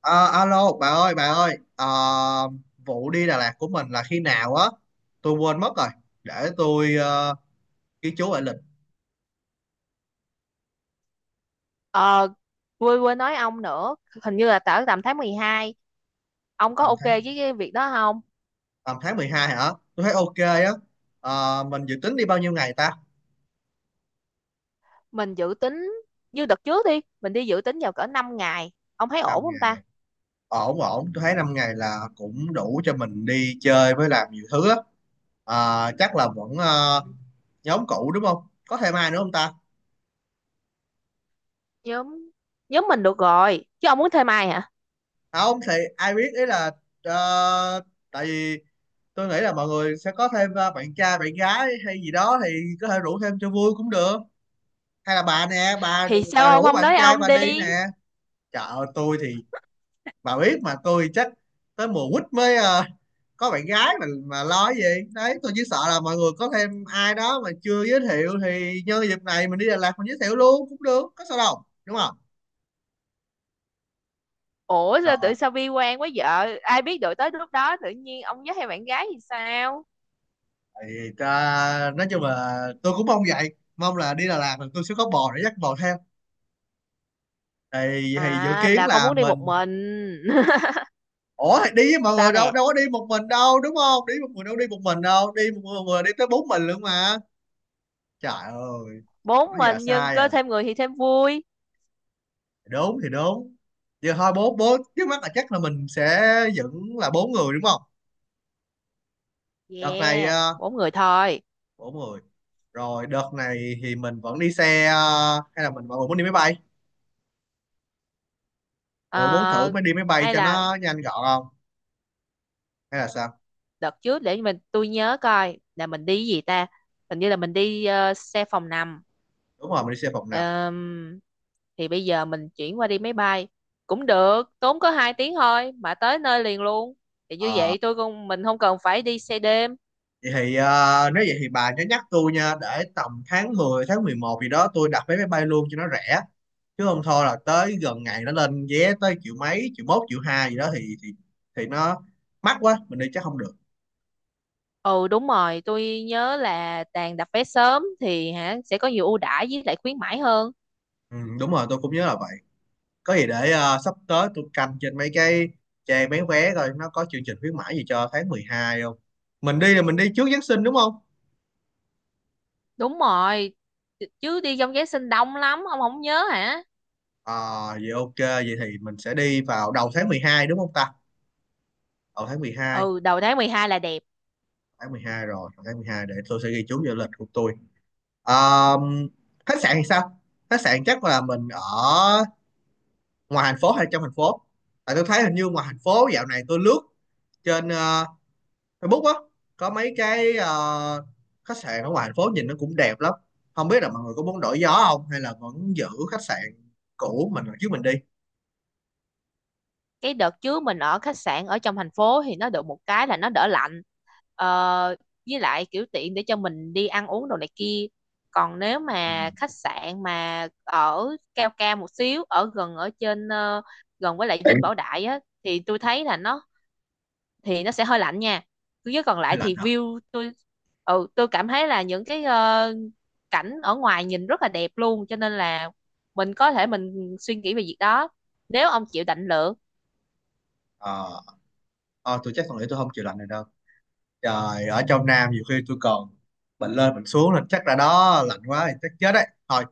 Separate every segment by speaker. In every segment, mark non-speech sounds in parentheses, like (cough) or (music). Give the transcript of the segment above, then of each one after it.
Speaker 1: Ờ, Alo bà ơi bà ơi. Ờ, Vụ đi Đà Lạt của mình là khi nào á? Tôi quên mất rồi. Để tôi ghi chú lại lịch.
Speaker 2: Ờ, quên quên nói ông nữa, hình như là tầm tháng 12. Ông có
Speaker 1: tầm
Speaker 2: ok
Speaker 1: tháng
Speaker 2: với cái việc đó không?
Speaker 1: tầm tháng 12 hả? Tôi thấy ok á. Mình dự tính đi bao nhiêu ngày ta?
Speaker 2: Mình dự tính như đợt trước đi, mình đi dự tính vào cỡ 5 ngày. Ông thấy ổn
Speaker 1: Năm
Speaker 2: không ta?
Speaker 1: ngày Ổn ổn, tôi thấy 5 ngày là cũng đủ cho mình đi chơi với làm nhiều thứ á. Chắc là vẫn nhóm cũ đúng không, có thêm ai nữa không ta?
Speaker 2: Nhóm nhóm mình được rồi, chứ ông muốn thêm ai hả?
Speaker 1: À, không thì ai biết, ý là ờ, tại vì tôi nghĩ là mọi người sẽ có thêm bạn trai bạn gái hay gì đó thì có thể rủ thêm cho vui cũng được. Hay là bà nè bà
Speaker 2: Thì sao
Speaker 1: bà
Speaker 2: ông
Speaker 1: rủ
Speaker 2: không
Speaker 1: bạn
Speaker 2: nói
Speaker 1: trai
Speaker 2: ông
Speaker 1: bà đi
Speaker 2: đi?
Speaker 1: nè. Trời ơi, tôi thì bà biết mà, tôi chắc tới mùa quýt mới có bạn gái, mà lo cái gì. Đấy, tôi chỉ sợ là mọi người có thêm ai đó mà chưa giới thiệu thì nhân dịp này mình đi Đà Lạt mình giới thiệu luôn cũng được, có sao đâu đúng không.
Speaker 2: Ủa sao
Speaker 1: Rồi
Speaker 2: tự sao bi quan quá vợ? Ai biết được tới lúc đó tự nhiên ông với hai bạn gái thì sao?
Speaker 1: thì ta, nói chung là tôi cũng mong vậy, mong là đi Đà Lạt là tôi sẽ có bò để dắt bò theo. Thì dự
Speaker 2: À
Speaker 1: kiến
Speaker 2: là không
Speaker 1: là
Speaker 2: muốn đi một
Speaker 1: mình,
Speaker 2: mình. (laughs)
Speaker 1: ủa đi với mọi
Speaker 2: Sao
Speaker 1: người đâu
Speaker 2: nè?
Speaker 1: đâu có đi một mình đâu đúng không, đi một người đâu, đi một mình đâu, đi một người, người đi tới bốn mình luôn mà. Trời ơi, còn
Speaker 2: Bốn
Speaker 1: nói gì là
Speaker 2: mình nhưng
Speaker 1: sai à,
Speaker 2: có thêm người thì thêm vui.
Speaker 1: đúng thì đúng. Giờ thôi, bốn bốn trước mắt là chắc là mình sẽ vẫn là bốn người đúng không. Đợt này
Speaker 2: Yeah, bốn người thôi.
Speaker 1: bốn người. Rồi đợt này thì mình vẫn đi xe hay là mình, mọi người muốn đi máy bay, mọi người muốn thử
Speaker 2: Ờ,
Speaker 1: mới, đi máy bay
Speaker 2: Hay
Speaker 1: cho
Speaker 2: là
Speaker 1: nó nhanh gọn không hay là sao?
Speaker 2: đợt trước, để tôi nhớ coi là mình đi cái gì ta? Hình như là mình đi xe phòng nằm.
Speaker 1: Đúng rồi, mình đi xe phòng nằm.
Speaker 2: Ờm, thì bây giờ mình chuyển qua đi máy bay cũng được, tốn có 2 tiếng thôi mà tới nơi liền luôn. Thì như
Speaker 1: Ờ.
Speaker 2: vậy tôi không mình không cần phải đi xe đêm.
Speaker 1: Vậy thì nếu vậy thì bà nhớ nhắc tôi nha, để tầm tháng 10 tháng 11 gì đó tôi đặt vé máy bay luôn cho nó rẻ, chứ không thôi là tới gần ngày nó lên vé tới triệu mấy, triệu mốt triệu hai gì đó thì thì nó mắc quá, mình đi chắc không được.
Speaker 2: Ừ đúng rồi, tôi nhớ là Tàn đặt vé sớm thì hả sẽ có nhiều ưu đãi với lại khuyến mãi hơn.
Speaker 1: Ừ, đúng rồi, tôi cũng nhớ là vậy. Có gì để sắp tới tôi canh trên mấy cái trang bán vé, coi nó có chương trình khuyến mãi gì cho tháng 12 không. Mình đi là mình đi trước Giáng sinh đúng không.
Speaker 2: Đúng rồi, chứ đi trong Giáng sinh đông lắm, ông không nhớ hả?
Speaker 1: Ờ vậy ok, vậy thì mình sẽ đi vào đầu tháng 12 đúng không ta? Đầu tháng mười hai,
Speaker 2: Ừ, đầu tháng 12 là đẹp.
Speaker 1: tháng 12. Rồi tháng 12 để tôi sẽ ghi chú vào lịch của tôi. um, Khách sạn thì sao? Khách sạn chắc là mình ở ngoài thành phố hay trong thành phố? Tại tôi thấy hình như ngoài thành phố, dạo này tôi lướt trên Facebook á, có mấy cái khách sạn ở ngoài thành phố nhìn nó cũng đẹp lắm. Không biết là mọi người có muốn đổi gió không, hay là vẫn giữ khách sạn cũ mình trước mình đi.
Speaker 2: Cái đợt trước mình ở khách sạn ở trong thành phố thì nó được một cái là nó đỡ lạnh, ờ, với lại kiểu tiện để cho mình đi ăn uống đồ này kia. Còn nếu
Speaker 1: Ừ.
Speaker 2: mà khách sạn mà ở cao cao một xíu, ở gần, ở trên, gần với lại Dinh Bảo Đại á, thì tôi thấy là nó, thì nó sẽ hơi lạnh nha. Chứ còn lại
Speaker 1: Lạnh
Speaker 2: thì
Speaker 1: hả?
Speaker 2: view tôi, tôi cảm thấy là những cái, cảnh ở ngoài nhìn rất là đẹp luôn, cho nên là mình có thể mình suy nghĩ về việc đó nếu ông chịu định lượng.
Speaker 1: ờ Ờ, tôi chắc tôi nghĩ tôi không chịu lạnh này đâu. Trời, ở trong Nam nhiều khi tôi còn bệnh lên bệnh xuống, là chắc là đó lạnh quá thì chắc chết đấy. Thôi,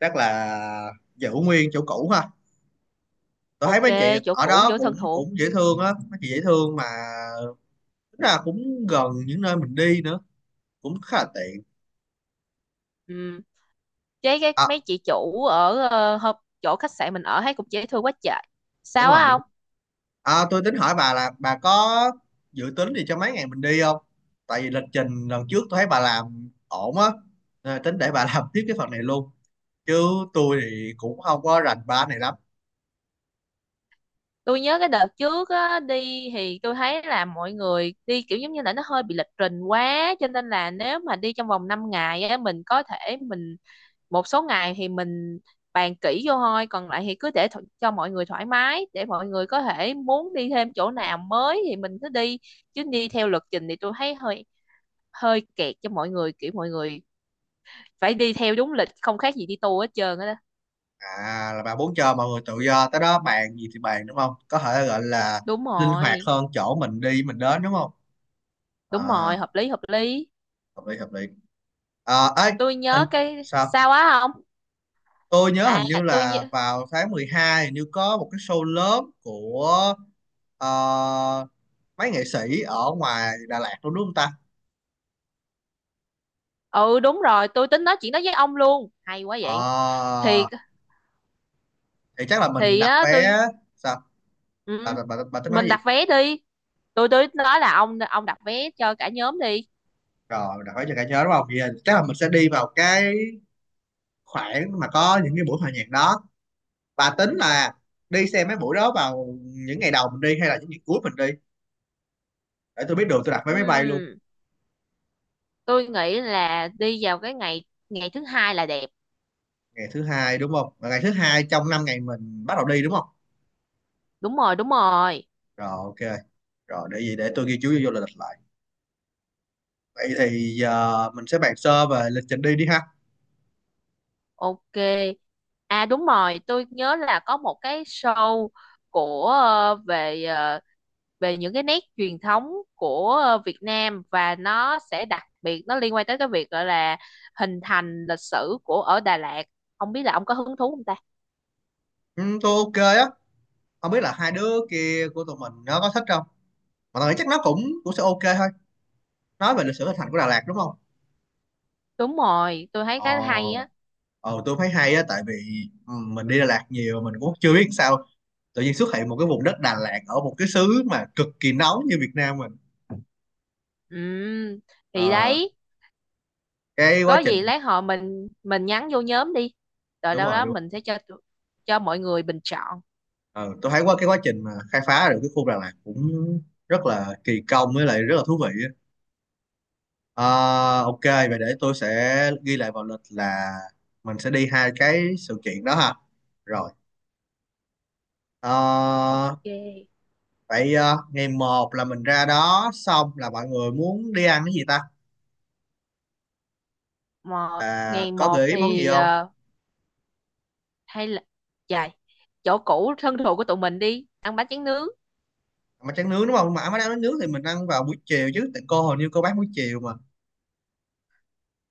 Speaker 1: chắc là giữ nguyên chỗ cũ ha. Tôi thấy
Speaker 2: Ok,
Speaker 1: mấy anh chị
Speaker 2: chỗ
Speaker 1: ở
Speaker 2: cũ
Speaker 1: đó
Speaker 2: chỗ
Speaker 1: cũng
Speaker 2: thân thuộc.
Speaker 1: cũng dễ thương á, mấy chị dễ thương mà. Tính là cũng gần những nơi mình đi nữa, cũng khá là tiện.
Speaker 2: Ừ. Chế cái
Speaker 1: À,
Speaker 2: mấy chị chủ ở, chỗ khách sạn mình ở thấy cũng dễ thương quá trời.
Speaker 1: đúng
Speaker 2: Sao
Speaker 1: rồi,
Speaker 2: á
Speaker 1: đúng.
Speaker 2: ông?
Speaker 1: À, tôi tính hỏi bà là bà có dự tính gì cho mấy ngày mình đi không? Tại vì lịch trình lần trước tôi thấy bà làm ổn á, nên là tính để bà (laughs) làm tiếp cái phần này luôn. Chứ tôi thì cũng không có rành ba này lắm.
Speaker 2: Tôi nhớ cái đợt trước á, đi thì tôi thấy là mọi người đi kiểu giống như là nó hơi bị lịch trình quá, cho nên là nếu mà đi trong vòng 5 ngày á, mình có thể mình một số ngày thì mình bàn kỹ vô thôi, còn lại thì cứ để cho mọi người thoải mái, để mọi người có thể muốn đi thêm chỗ nào mới thì mình cứ đi. Chứ đi theo lịch trình thì tôi thấy hơi, hơi kẹt cho mọi người, kiểu mọi người phải đi theo đúng lịch, không khác gì đi tour hết trơn á đó.
Speaker 1: À, là bạn muốn cho mọi người tự do, tới đó bàn gì thì bàn đúng không? Có thể gọi là
Speaker 2: Đúng
Speaker 1: linh hoạt
Speaker 2: rồi,
Speaker 1: hơn chỗ mình đi mình đến đúng không?
Speaker 2: đúng
Speaker 1: À,
Speaker 2: rồi, hợp lý, hợp lý.
Speaker 1: hợp lý hợp lý. À, ấy,
Speaker 2: Tôi
Speaker 1: hình,
Speaker 2: nhớ cái
Speaker 1: sao?
Speaker 2: sao á không.
Speaker 1: Tôi nhớ hình như
Speaker 2: À, tôi
Speaker 1: là
Speaker 2: nhớ...
Speaker 1: vào tháng 12 hình như có một cái show lớn của ờ, mấy nghệ sĩ ở ngoài Đà Lạt luôn đúng không ta?
Speaker 2: Ừ đúng rồi, tôi tính nói chuyện đó với ông luôn, hay quá
Speaker 1: Ờ
Speaker 2: vậy. thì
Speaker 1: thì chắc là mình
Speaker 2: thì
Speaker 1: đặt
Speaker 2: á,
Speaker 1: vé,
Speaker 2: tôi.
Speaker 1: sao? Bà,
Speaker 2: Ừ,
Speaker 1: bà, bà, bà tính nói
Speaker 2: mình
Speaker 1: gì?
Speaker 2: đặt vé đi. Tôi nói là ông đặt vé cho cả nhóm đi.
Speaker 1: Rồi, đặt vé cho cả nhớ đúng không? Vậy là chắc là mình sẽ đi vào cái khoảng mà có những cái buổi hòa nhạc đó và tính là đi xem mấy buổi đó vào những ngày đầu mình đi hay là những ngày cuối mình đi, để tôi biết đường tôi đặt vé
Speaker 2: Ừ,
Speaker 1: máy bay luôn.
Speaker 2: tôi nghĩ là đi vào cái ngày ngày thứ hai là đẹp.
Speaker 1: Ngày thứ hai đúng không, và ngày thứ hai trong 5 ngày mình bắt đầu đi đúng không.
Speaker 2: Đúng rồi, đúng rồi.
Speaker 1: Rồi ok, rồi để gì, để tôi ghi chú vô lịch lại. Vậy thì giờ mình sẽ bàn sơ về lịch trình đi đi ha.
Speaker 2: Ok. À đúng rồi, tôi nhớ là có một cái show của, về, ờ, về những cái nét truyền thống của, Việt Nam, và nó sẽ đặc biệt, nó liên quan tới cái việc gọi là hình thành lịch sử của ở Đà Lạt. Không biết là ông có hứng thú không ta.
Speaker 1: Ừ, tôi ok á. Không biết là hai đứa kia của tụi mình nó có thích không, mà tôi nghĩ chắc nó cũng cũng sẽ ok thôi. Nói về lịch sử hình thành của Đà Lạt đúng không.
Speaker 2: Đúng rồi, tôi thấy cái hay
Speaker 1: Ồ,
Speaker 2: á.
Speaker 1: tôi thấy hay á, tại vì ừ, mình đi Đà Lạt nhiều, mình cũng chưa biết sao tự nhiên xuất hiện một cái vùng đất Đà Lạt ở một cái xứ mà cực kỳ nóng như Việt Nam mình.
Speaker 2: Ừ, thì
Speaker 1: Ờ,
Speaker 2: đấy,
Speaker 1: cái quá
Speaker 2: có
Speaker 1: trình,
Speaker 2: gì lát họ mình nhắn vô nhóm đi. Rồi
Speaker 1: đúng
Speaker 2: đâu
Speaker 1: rồi
Speaker 2: đó
Speaker 1: đúng rồi.
Speaker 2: mình sẽ cho cho mọi người bình chọn.
Speaker 1: Ờ, tôi thấy qua cái quá trình mà khai phá được cái khu Đà Lạt cũng rất là kỳ công với lại rất là thú vị á. Ờ, ok vậy để tôi sẽ ghi lại vào lịch là mình sẽ đi hai cái sự kiện đó ha. Rồi ờ,
Speaker 2: Ok.
Speaker 1: vậy ngày một là mình ra đó xong là mọi người muốn đi ăn cái gì ta?
Speaker 2: Mà
Speaker 1: À,
Speaker 2: ngày
Speaker 1: có
Speaker 2: một
Speaker 1: gợi ý món gì
Speaker 2: thì,
Speaker 1: không?
Speaker 2: hay là dài chỗ cũ thân thuộc của tụi mình đi, ăn bánh tráng nướng.
Speaker 1: Mà tráng nướng đúng không, mà má đang nói nướng thì mình ăn vào buổi chiều chứ, tại cô hình như cô bán buổi chiều mà.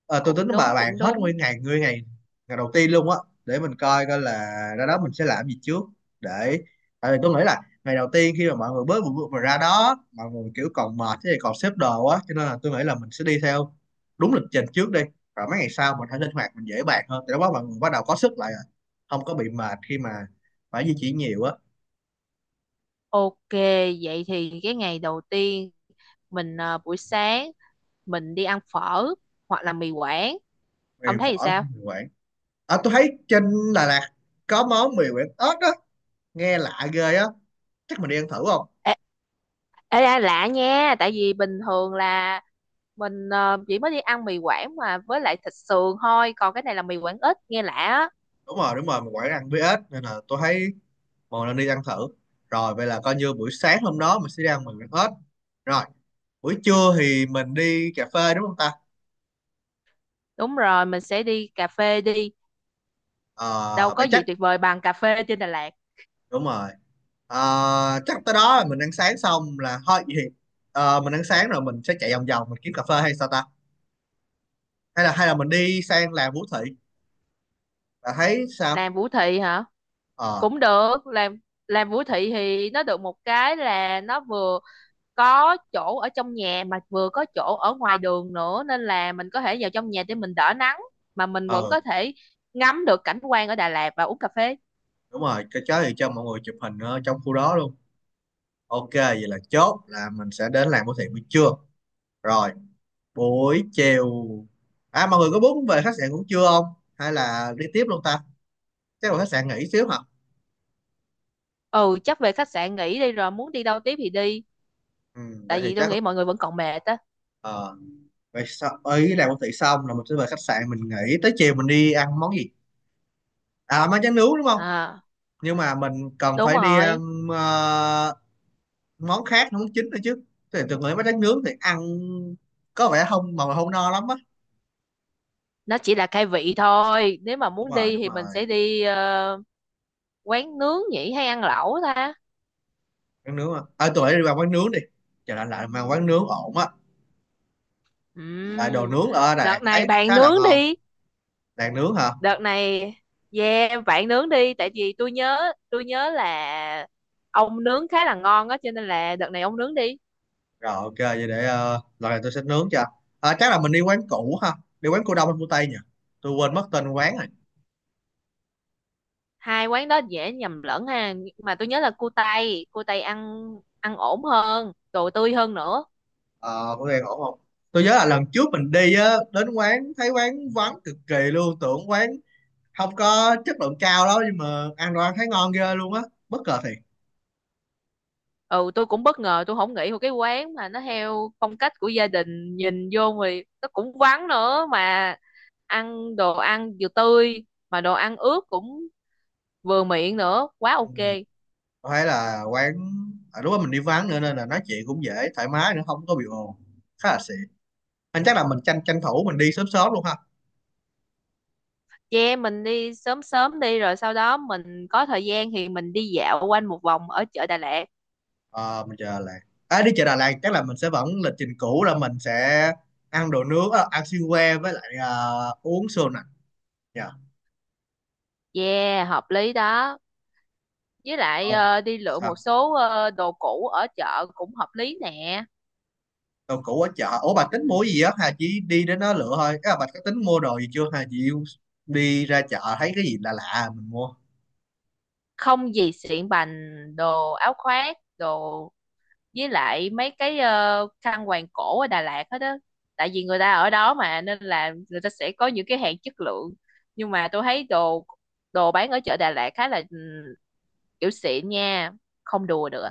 Speaker 1: Ờ, tôi tính
Speaker 2: Cũng
Speaker 1: bà
Speaker 2: đúng,
Speaker 1: bàn
Speaker 2: cũng
Speaker 1: hết
Speaker 2: đúng.
Speaker 1: nguyên ngày, nguyên ngày ngày đầu tiên luôn á, để mình coi coi là ra đó mình sẽ làm gì trước, để, tại vì tôi nghĩ là ngày đầu tiên khi mà mọi người bớt bụi bụi mà ra đó mọi người kiểu còn mệt thì còn xếp đồ á, cho nên là tôi nghĩ là mình sẽ đi theo đúng lịch trình trước đi, rồi mấy ngày sau mình hãy linh hoạt, mình dễ bàn hơn, thì lúc đó mọi người bắt đầu có sức lại rồi, không có bị mệt khi mà phải di chuyển nhiều á.
Speaker 2: Ok, vậy thì cái ngày đầu tiên mình, buổi sáng mình đi ăn phở hoặc là mì quảng.
Speaker 1: Gây
Speaker 2: Ông thấy thì
Speaker 1: phở
Speaker 2: sao?
Speaker 1: hay người quản. À, tôi thấy trên Đà Lạt có món mì Quảng ếch á, nghe lạ ghê á. Chắc mình đi ăn thử không?
Speaker 2: Ê, ê, ê, lạ nha, tại vì bình thường là mình, chỉ mới đi ăn mì Quảng mà với lại thịt sườn thôi, còn cái này là mì Quảng ít nghe lạ á.
Speaker 1: Đúng rồi, mình Quảng ăn với ếch nên là tôi thấy một lần đi ăn thử. Rồi vậy là coi như buổi sáng hôm đó mình sẽ đi ăn mì Quảng ếch. Rồi, buổi trưa thì mình đi cà phê đúng không ta?
Speaker 2: Đúng rồi, mình sẽ đi cà phê đi, đâu
Speaker 1: Ờ,
Speaker 2: có
Speaker 1: Vậy
Speaker 2: gì
Speaker 1: chắc
Speaker 2: tuyệt vời bằng cà phê trên Đà Lạt.
Speaker 1: đúng rồi. Chắc tới đó là mình ăn sáng xong là thôi, vậy thì mình ăn sáng rồi mình sẽ chạy vòng vòng, mình kiếm cà phê hay sao ta? Hay là mình đi sang làng Vũ Thị? Bà thấy sao?
Speaker 2: Làm Vũ Thị hả?
Speaker 1: Ờ,
Speaker 2: Cũng được, làm Vũ Thị thì nó được một cái là nó vừa có chỗ ở trong nhà mà vừa có chỗ ở ngoài đường nữa, nên là mình có thể vào trong nhà để mình đỡ nắng, mà mình vẫn
Speaker 1: ờ.
Speaker 2: có thể ngắm được cảnh quan ở Đà Lạt và uống cà phê.
Speaker 1: Đúng rồi, cái chó thì cho mọi người chụp hình ở trong khu đó luôn. Ok vậy là chốt là mình sẽ đến làm của thiện buổi trưa. Rồi buổi chiều, à mọi người có muốn về khách sạn cũng chưa không, hay là đi tiếp luôn ta? Chắc là khách sạn nghỉ xíu hả.
Speaker 2: Ừ, chắc về khách sạn nghỉ đi, rồi muốn đi đâu tiếp thì đi,
Speaker 1: Ừ, vậy
Speaker 2: tại
Speaker 1: thì
Speaker 2: vì tôi
Speaker 1: chắc
Speaker 2: nghĩ mọi người vẫn còn mệt á.
Speaker 1: ờ vậy sau ấy làm của thiện xong là mình sẽ về khách sạn, mình nghỉ tới chiều mình đi ăn món gì. À, món tráng nướng đúng không,
Speaker 2: À
Speaker 1: nhưng mà mình cần
Speaker 2: đúng
Speaker 1: phải đi ăn
Speaker 2: rồi,
Speaker 1: ờ, món khác, món chính nữa chứ. Thì từng nghĩ món tráng nướng thì ăn có vẻ không, mà không no lắm á.
Speaker 2: nó chỉ là khai vị thôi, nếu mà
Speaker 1: Đúng
Speaker 2: muốn
Speaker 1: rồi
Speaker 2: đi
Speaker 1: đúng
Speaker 2: thì mình
Speaker 1: rồi.
Speaker 2: sẽ đi, quán nướng nhỉ, hay ăn lẩu ta?
Speaker 1: Quán nướng, à, à tụi bay đi vào quán nướng đi, chờ lạnh lạnh mà quán nướng ổn á, tại đồ
Speaker 2: Ừm,
Speaker 1: nướng ở Đà Lạt
Speaker 2: Đợt
Speaker 1: tôi
Speaker 2: này
Speaker 1: thấy
Speaker 2: bạn
Speaker 1: khá là
Speaker 2: nướng
Speaker 1: ngon.
Speaker 2: đi.
Speaker 1: Đàn nướng hả?
Speaker 2: Đợt này, yeah, bạn nướng đi, tại vì tôi nhớ, là ông nướng khá là ngon á, cho nên là đợt này ông nướng đi.
Speaker 1: Rồi ok vậy để lần này tôi sẽ nướng cho. À, chắc là mình đi quán cũ ha, đi quán cô Đông hay cô Tây nhỉ, tôi quên mất tên quán rồi.
Speaker 2: Hai quán đó dễ nhầm lẫn ha. Mà tôi nhớ là cua tay, ăn, ổn hơn, đồ tươi hơn nữa.
Speaker 1: Ờ có nghe ổn không? Tôi nhớ là lần trước mình đi á, đến quán thấy quán vắng cực kỳ luôn, tưởng quán không có chất lượng cao đó, nhưng mà ăn đồ ăn thấy ngon ghê luôn á, bất ngờ thiệt.
Speaker 2: Ừ tôi cũng bất ngờ, tôi không nghĩ một cái quán mà nó theo phong cách của gia đình, nhìn vô thì nó cũng vắng nữa mà ăn đồ ăn vừa tươi mà đồ ăn ướt cũng vừa miệng nữa, quá
Speaker 1: Ừ.
Speaker 2: ok.
Speaker 1: Tôi thấy là quán, à, đúng là mình đi vắng nữa nên là nói chuyện cũng dễ thoải mái nữa, không có bị ồn, khá là xịn. Anh chắc là mình tranh tranh thủ mình đi sớm sớm luôn ha.
Speaker 2: Che mình đi sớm sớm đi, rồi sau đó mình có thời gian thì mình đi dạo quanh một vòng ở chợ Đà Lạt.
Speaker 1: Ờ, mình chờ Đà Lạt. À, đi chợ Đà Lạt chắc là mình sẽ vẫn lịch trình cũ là mình sẽ ăn đồ nướng, à, ăn xiên que với lại à, uống sô nặng. Dạ.
Speaker 2: Yeah, hợp lý đó. Với lại,
Speaker 1: Ồ,
Speaker 2: đi lựa một
Speaker 1: sao?
Speaker 2: số, đồ cũ ở chợ cũng hợp lý nè.
Speaker 1: Đồ cũ ở chợ ủa, bà tính mua gì á, hà chỉ đi đến đó lựa thôi à, bà có tính mua đồ gì chưa hà chị. Đi ra chợ thấy cái gì lạ lạ mình mua.
Speaker 2: Không, gì xịn bành, đồ áo khoác đồ, với lại mấy cái, khăn quàng cổ ở Đà Lạt hết đó, tại vì người ta ở đó mà, nên là người ta sẽ có những cái hàng chất lượng. Nhưng mà tôi thấy đồ, đồ bán ở chợ Đà Lạt khá là, kiểu xịn nha, không đùa được.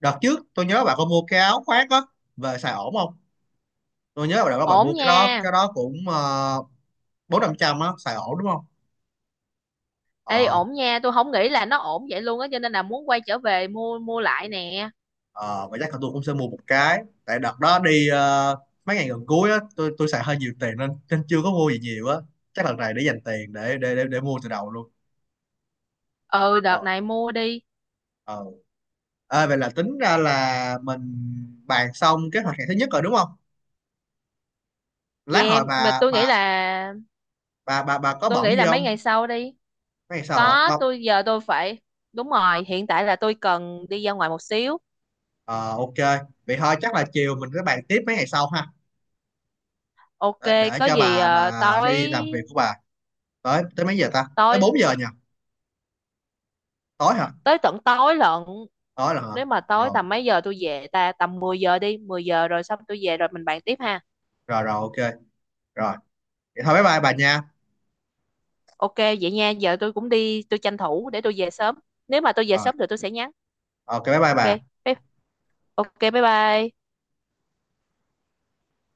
Speaker 1: Đợt trước tôi nhớ bà có mua cái áo khoác á, về xài ổn không, tôi nhớ bạn có bạn
Speaker 2: Ổn
Speaker 1: mua cái đó,
Speaker 2: nha.
Speaker 1: cái đó cũng bốn năm trăm á, xài ổn đúng không.
Speaker 2: Ê
Speaker 1: ờ
Speaker 2: ổn nha, tôi không nghĩ là nó ổn vậy luôn á, cho nên là muốn quay trở về mua, lại nè.
Speaker 1: ờ và chắc là tôi cũng sẽ mua một cái, tại đợt đó đi mấy ngày gần cuối á, tôi xài hơi nhiều tiền nên nên chưa có mua gì nhiều á, chắc lần này để dành tiền để mua từ đầu luôn.
Speaker 2: Ừ, đợt
Speaker 1: Rồi,
Speaker 2: này mua đi.
Speaker 1: ờ. Ê, vậy là tính ra là mình bàn xong kế hoạch ngày thứ nhất rồi đúng không, lát
Speaker 2: Yeah,
Speaker 1: hồi
Speaker 2: mà
Speaker 1: bà
Speaker 2: tôi nghĩ
Speaker 1: bà
Speaker 2: là,
Speaker 1: bà bà bà có bận gì
Speaker 2: mấy
Speaker 1: không?
Speaker 2: ngày sau đi.
Speaker 1: Mấy ngày sau hả?
Speaker 2: Có
Speaker 1: Mong
Speaker 2: tôi Giờ tôi phải, đúng rồi, hiện tại là tôi cần đi ra ngoài một xíu.
Speaker 1: ờ ok. Vậy thôi chắc là chiều mình sẽ bàn tiếp mấy ngày sau ha,
Speaker 2: Ok,
Speaker 1: để
Speaker 2: có
Speaker 1: cho
Speaker 2: gì
Speaker 1: bà
Speaker 2: à,
Speaker 1: bà
Speaker 2: tối
Speaker 1: đi làm việc của bà. Tới tới mấy giờ ta, tới
Speaker 2: tối
Speaker 1: 4 giờ nhỉ? Tối hả?
Speaker 2: tới tận tối lận.
Speaker 1: Tối là hả?
Speaker 2: Nếu mà tối
Speaker 1: Rồi
Speaker 2: tầm mấy giờ tôi về ta, tầm 10 giờ đi, 10 giờ rồi xong tôi về rồi mình bàn tiếp ha.
Speaker 1: rồi rồi ok. Rồi vậy thôi, bye bye bà nha.
Speaker 2: Ok vậy nha, giờ tôi cũng đi, tôi tranh thủ để tôi về sớm. Nếu mà tôi về
Speaker 1: Rồi
Speaker 2: sớm thì tôi sẽ nhắn.
Speaker 1: ok, bye bye
Speaker 2: Ok.
Speaker 1: bà.
Speaker 2: bye- Ok bye bye.